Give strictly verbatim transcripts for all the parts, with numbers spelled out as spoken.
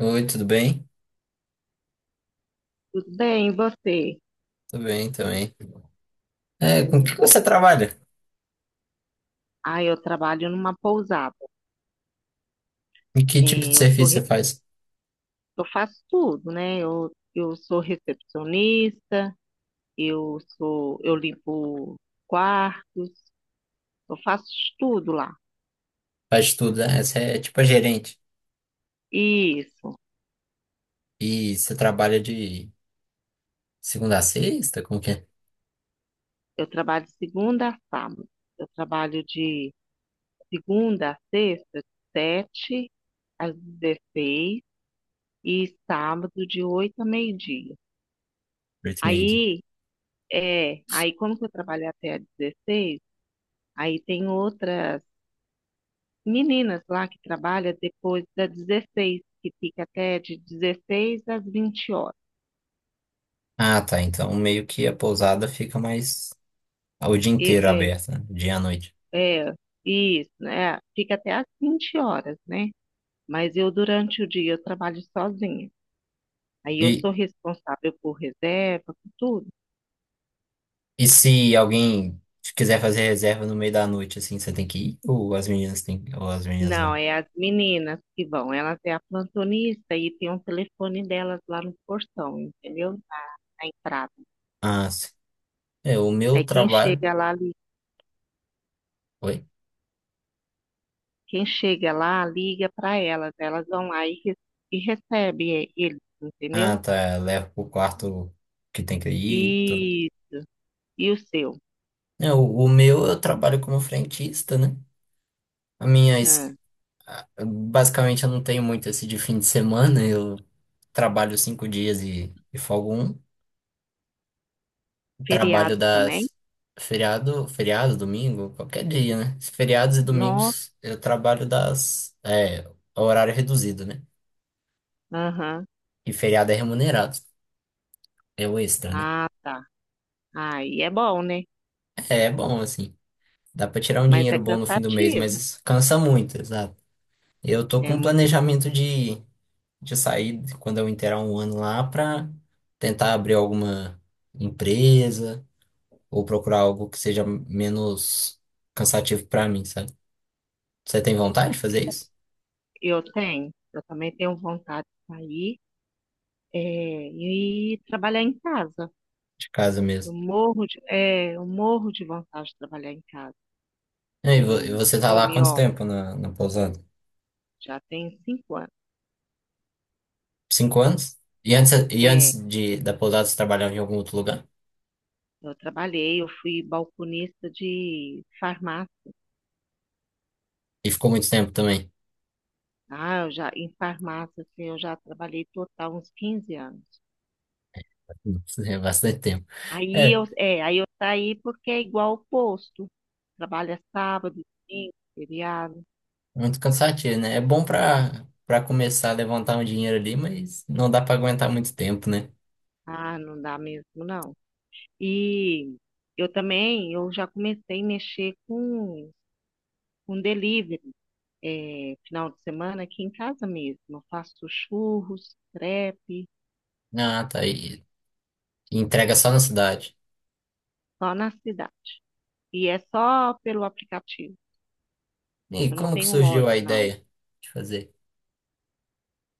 Oi, tudo bem? Tudo bem, e você? Tudo bem também. É, com que você trabalha? Ah, eu trabalho numa pousada. E que tipo É, de eu sou, serviço re- você faz? eu faço tudo, né? Eu, eu sou recepcionista, eu sou, eu limpo quartos, eu faço de tudo lá. Faz tudo, né? Você é tipo a gerente. Isso. E você trabalha de segunda a sexta? Como que é? Eu trabalho de segunda a sábado. Eu trabalho de segunda a sexta, de sete às dezesseis e sábado de oito a meio-dia. Oito e meio dia. Aí, é, aí como que eu trabalho até às dezesseis, aí tem outras meninas lá que trabalham depois das dezesseis que fica até de dezesseis às vinte horas. Ah, tá. Então meio que a pousada fica mais o dia E- inteiro é, aberta, né? Dia à noite. é, isso, né? Fica até às vinte horas, né? Mas eu, durante o dia, eu trabalho sozinha. Aí eu E, sou responsável por reserva, por tudo. e se alguém quiser fazer reserva no meio da noite, assim, você tem que ir? Ou as meninas têm, ou as meninas Não, vão? é as meninas que vão. Elas é a plantonista e tem um telefone delas lá no portão, entendeu? Na, na entrada. Ah, sim. É, o meu Aí quem trabalho. chega lá Oi? Quem chega lá liga para elas, elas vão lá e, re- e recebem eles, Ah, entendeu? tá. Levo pro quarto que tem que ir. E, e o seu? É, o, o meu eu trabalho como frentista, né? A minha, Ah, es- a- Basicamente eu não tenho muito esse de fim de semana, eu trabalho cinco dias e, e folgo um. Trabalho feriado também? das feriado, feriado, domingo, qualquer dia, né? Feriados e Nossa. domingos eu trabalho das, é, horário reduzido, né? Aham. E feriado é remunerado, é o extra, né? Ah, tá. Aí é bom, né? É, é bom, assim, dá pra tirar um Mas dinheiro é bom no fim do mês, cansativo. mas cansa muito, exato. Eu tô É com um muito. planejamento de de sair quando eu inteirar um ano lá para tentar abrir alguma empresa ou procurar algo que seja menos cansativo para mim, sabe? Você tem vontade de fazer isso? Eu tenho, eu também tenho vontade de sair, é, e trabalhar em casa. De casa Eu mesmo. morro de, é, eu morro de vontade de trabalhar em casa. E aí, vo- e Um você tá home lá há quanto office tempo na, na pousada? já tem cinco anos. Cinco anos? E antes, e É. antes de, da pousada você trabalhava em algum outro lugar? Eu trabalhei, eu fui balconista de farmácia. E ficou muito tempo também? Ah, eu já, em farmácia, assim, eu já trabalhei total uns quinze anos. Nossa, é bastante tempo. Aí É, eu, é, aí eu saí porque é igual o posto. Trabalha sábado, domingo, feriado. muito cansativo, né? É bom pra, pra começar a levantar um dinheiro ali, mas não dá pra aguentar muito tempo, né? Ah, não dá mesmo, não. E eu também, eu já comecei a mexer com, com delivery. É, final de semana aqui em casa mesmo. Eu faço churros, crepe, Ah, tá. E e entrega só na cidade. só na cidade. E é só pelo aplicativo. E Eu não como que tenho surgiu a loja, não. ideia de fazer?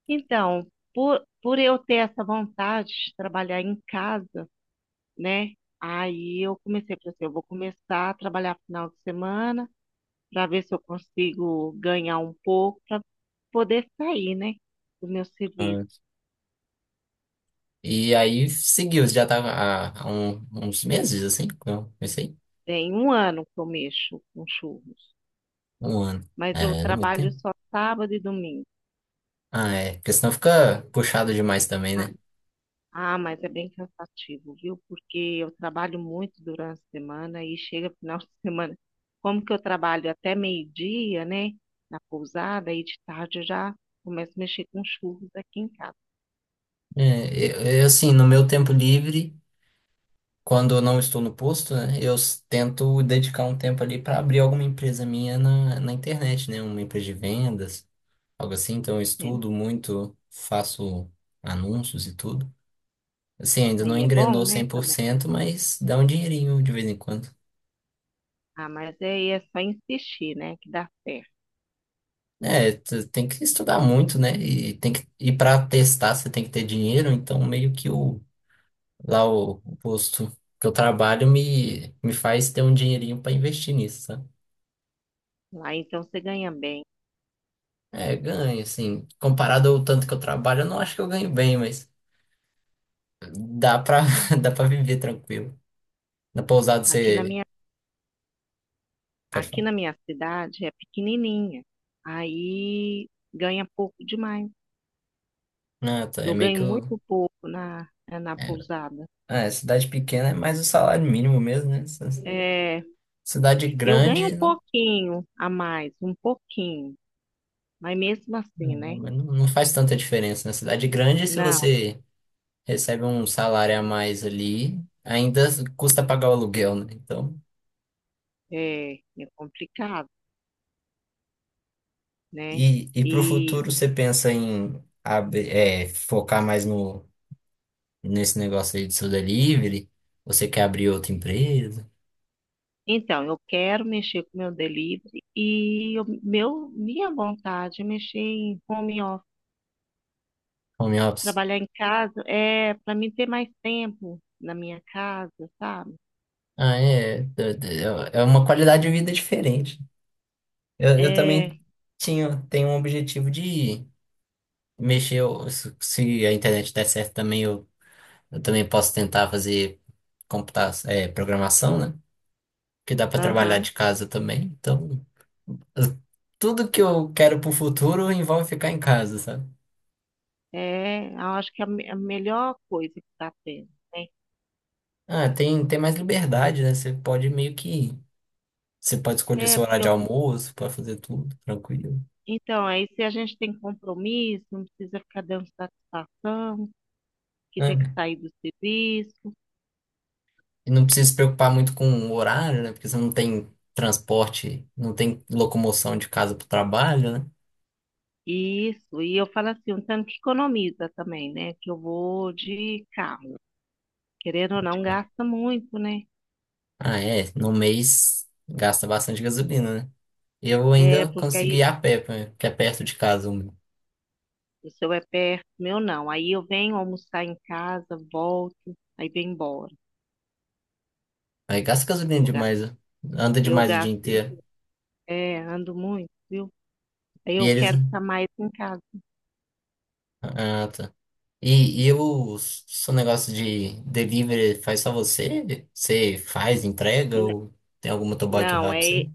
Então, por, por eu ter essa vontade de trabalhar em casa, né? Aí eu comecei, falei assim, eu vou começar a trabalhar final de semana para ver se eu consigo ganhar um pouco para poder sair, né? Do meu serviço. Ah, e aí seguiu, já tava há, há um- uns meses, assim, que eu comecei. Tem um ano que eu mexo com churros, Um ano. mas eu É, não é muito trabalho tempo. só sábado e domingo. Ah, é. Porque senão fica puxado demais também, Tá? né? Ah, mas é bem cansativo, viu? Porque eu trabalho muito durante a semana e chega final de semana. Como que eu trabalho até meio-dia, né? Na pousada, aí de tarde eu já começo a mexer com churros aqui em casa. É, eu, eu, assim, no meu tempo livre, quando eu não estou no posto, né? Eu s- tento dedicar um tempo ali para abrir alguma empresa minha na, na internet, né? Uma empresa de vendas, algo assim. Então eu Né? estudo muito, faço anúncios e tudo. Assim, ainda não Aí é bom, engrenou né? cem por Também. cento mas dá um dinheirinho de vez em quando. Ah, mas aí é só insistir, né? Que dá certo. É, tu tem que estudar muito, né? E tem que e para testar você tem que ter dinheiro, então meio que o lá o, o posto que eu trabalho me me faz ter um dinheirinho para investir nisso, sabe? Lá então você ganha bem. É, ganho, assim, comparado ao tanto que eu trabalho, eu não acho que eu ganho bem, mas dá pra dá para viver tranquilo. Na pousada Aqui na você minha, pode aqui falar. na minha cidade é pequenininha. Aí ganha pouco demais. Ah, tá, é Eu meio ganho que o muito pouco na, na é, pousada. ah, é, cidade pequena é mais o salário mínimo mesmo, né? É, Cidade eu ganho grande um não, pouquinho a mais, um pouquinho, mas mesmo assim, né? não, não faz tanta diferença, né? Cidade grande, se Não, você recebe um salário a mais ali, ainda custa pagar o aluguel, né? Então, é, é complicado, né? e, e para o E futuro você pensa em abrir- é, focar mais no, nesse negócio aí de seu delivery? Você quer abrir outra empresa? então, eu quero mexer com meu delivery e eu- meu, minha vontade é mexer em home office, Home office? trabalhar em casa, é para mim ter mais tempo na minha casa, sabe? Ah, é. d- É é uma qualidade de vida diferente. Eu, eu É, também tinha, tenho um objetivo de mexer, eu- se se a internet der certo também, eu Eu também posso tentar fazer computar, é, programação, né? Que dá para trabalhar de aham, casa também. Então, eu- tudo que eu quero pro futuro envolve ficar em casa, sabe? é, eu acho que é a, me- a melhor coisa que está tendo, né? Ah, tem, tem mais liberdade, né? Você pode meio que. Você pode escolher É, seu horário porque de eu almoço, pode fazer tudo, tranquilo. Então, aí se a gente tem compromisso, não precisa ficar dando satisfação, que tem que Né? sair do serviço, E não precisa se preocupar muito com o horário, né? Porque você não tem transporte, não tem locomoção de casa pro trabalho, né? isso. E eu falo assim, um tanto que economiza também, né? Que eu vou de carro. Querendo ou não, gasta muito, né? Ah, é. No mês gasta bastante gasolina, né? E eu É, ainda porque consegui aí ir a pé, pra- que é perto de casa. um. o seu é perto, o meu não. Aí eu venho almoçar em casa, volto, aí venho embora. Aí gasta gasolina Eu gasto, demais, né? Anda eu demais o dia gasto inteiro. muito, é, ando muito, viu? Aí E eu eles. quero ficar mais em casa. Ah, tá. E, e o seu negócio de delivery faz só você? Você faz, entrega N- ou tem algum motoboy que Não, vai pra você? é,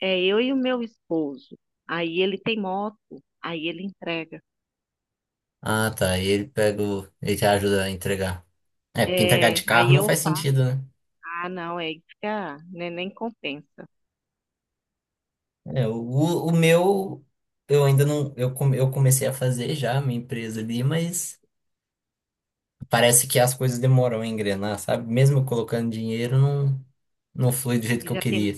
é eu e o meu esposo. Aí ele tem moto, aí ele entrega. Ah, tá. E ele pega o. Ele te ajuda a entregar. É, porque entregar de É, carro aí não eu faz falo, sentido, né? ah, não, é fica, né, nem compensa. É, o, o o meu, eu ainda não. Eu, come- eu comecei a fazer já a minha empresa ali, mas. Parece que as coisas demoram a engrenar, sabe? Mesmo eu colocando dinheiro, não, não flui do jeito E que eu já tem, queria.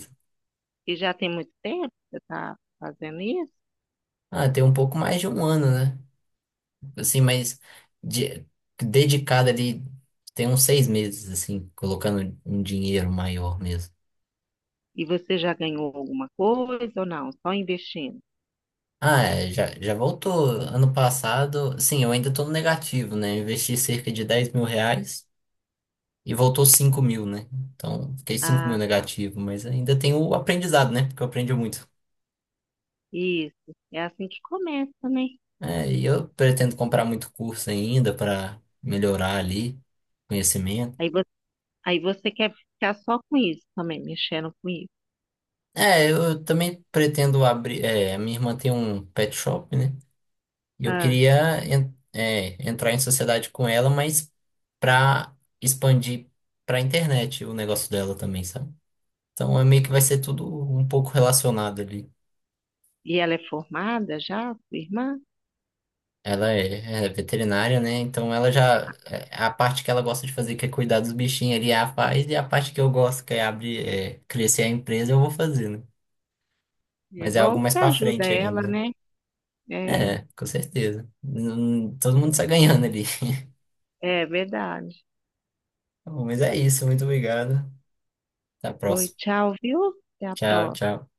e já tem muito tempo que você está fazendo isso? Ah, tem um pouco mais de um ano, né? Assim, mas de, dedicado ali, tem uns seis meses, assim, colocando um dinheiro maior mesmo. E você já ganhou alguma coisa ou não? Só investindo. Ah, é, já, já voltou. Ano passado, sim, eu ainda tô no negativo, né? Eu investi cerca de dez mil reais e voltou cinco mil, né? Então, fiquei cinco mil Ah, tá. negativo, mas ainda tem o aprendizado, né? Porque eu aprendi muito. Isso. É assim que começa, né? É, e eu pretendo comprar muito curso ainda para melhorar ali conhecimento. Aí você, aí você quer ficar só com isso também, mexendo com isso. É, eu também pretendo abrir. É, a minha irmã tem um pet shop, né? E eu Ah, queria en- é, entrar em sociedade com ela, mas para expandir para internet o negócio dela também, sabe? Então é meio que vai ser tudo um pouco relacionado ali. e ela é formada já, sua irmã? Ela é, é veterinária, né? Então ela já. é, A parte que ela gosta de fazer, que é cuidar dos bichinhos ali, ela faz, e a parte que eu gosto, que é abrir, é, crescer a empresa, eu vou fazer, né? É Mas é algo bom que mais você pra ajuda frente ela, ainda. né? É. É. É, com certeza. Hum, Todo mundo sai ganhando ali. É verdade. Bom, mas é isso, muito obrigado. Até a Oi, próxima. tchau, viu? Até a Tchau, próxima. tchau.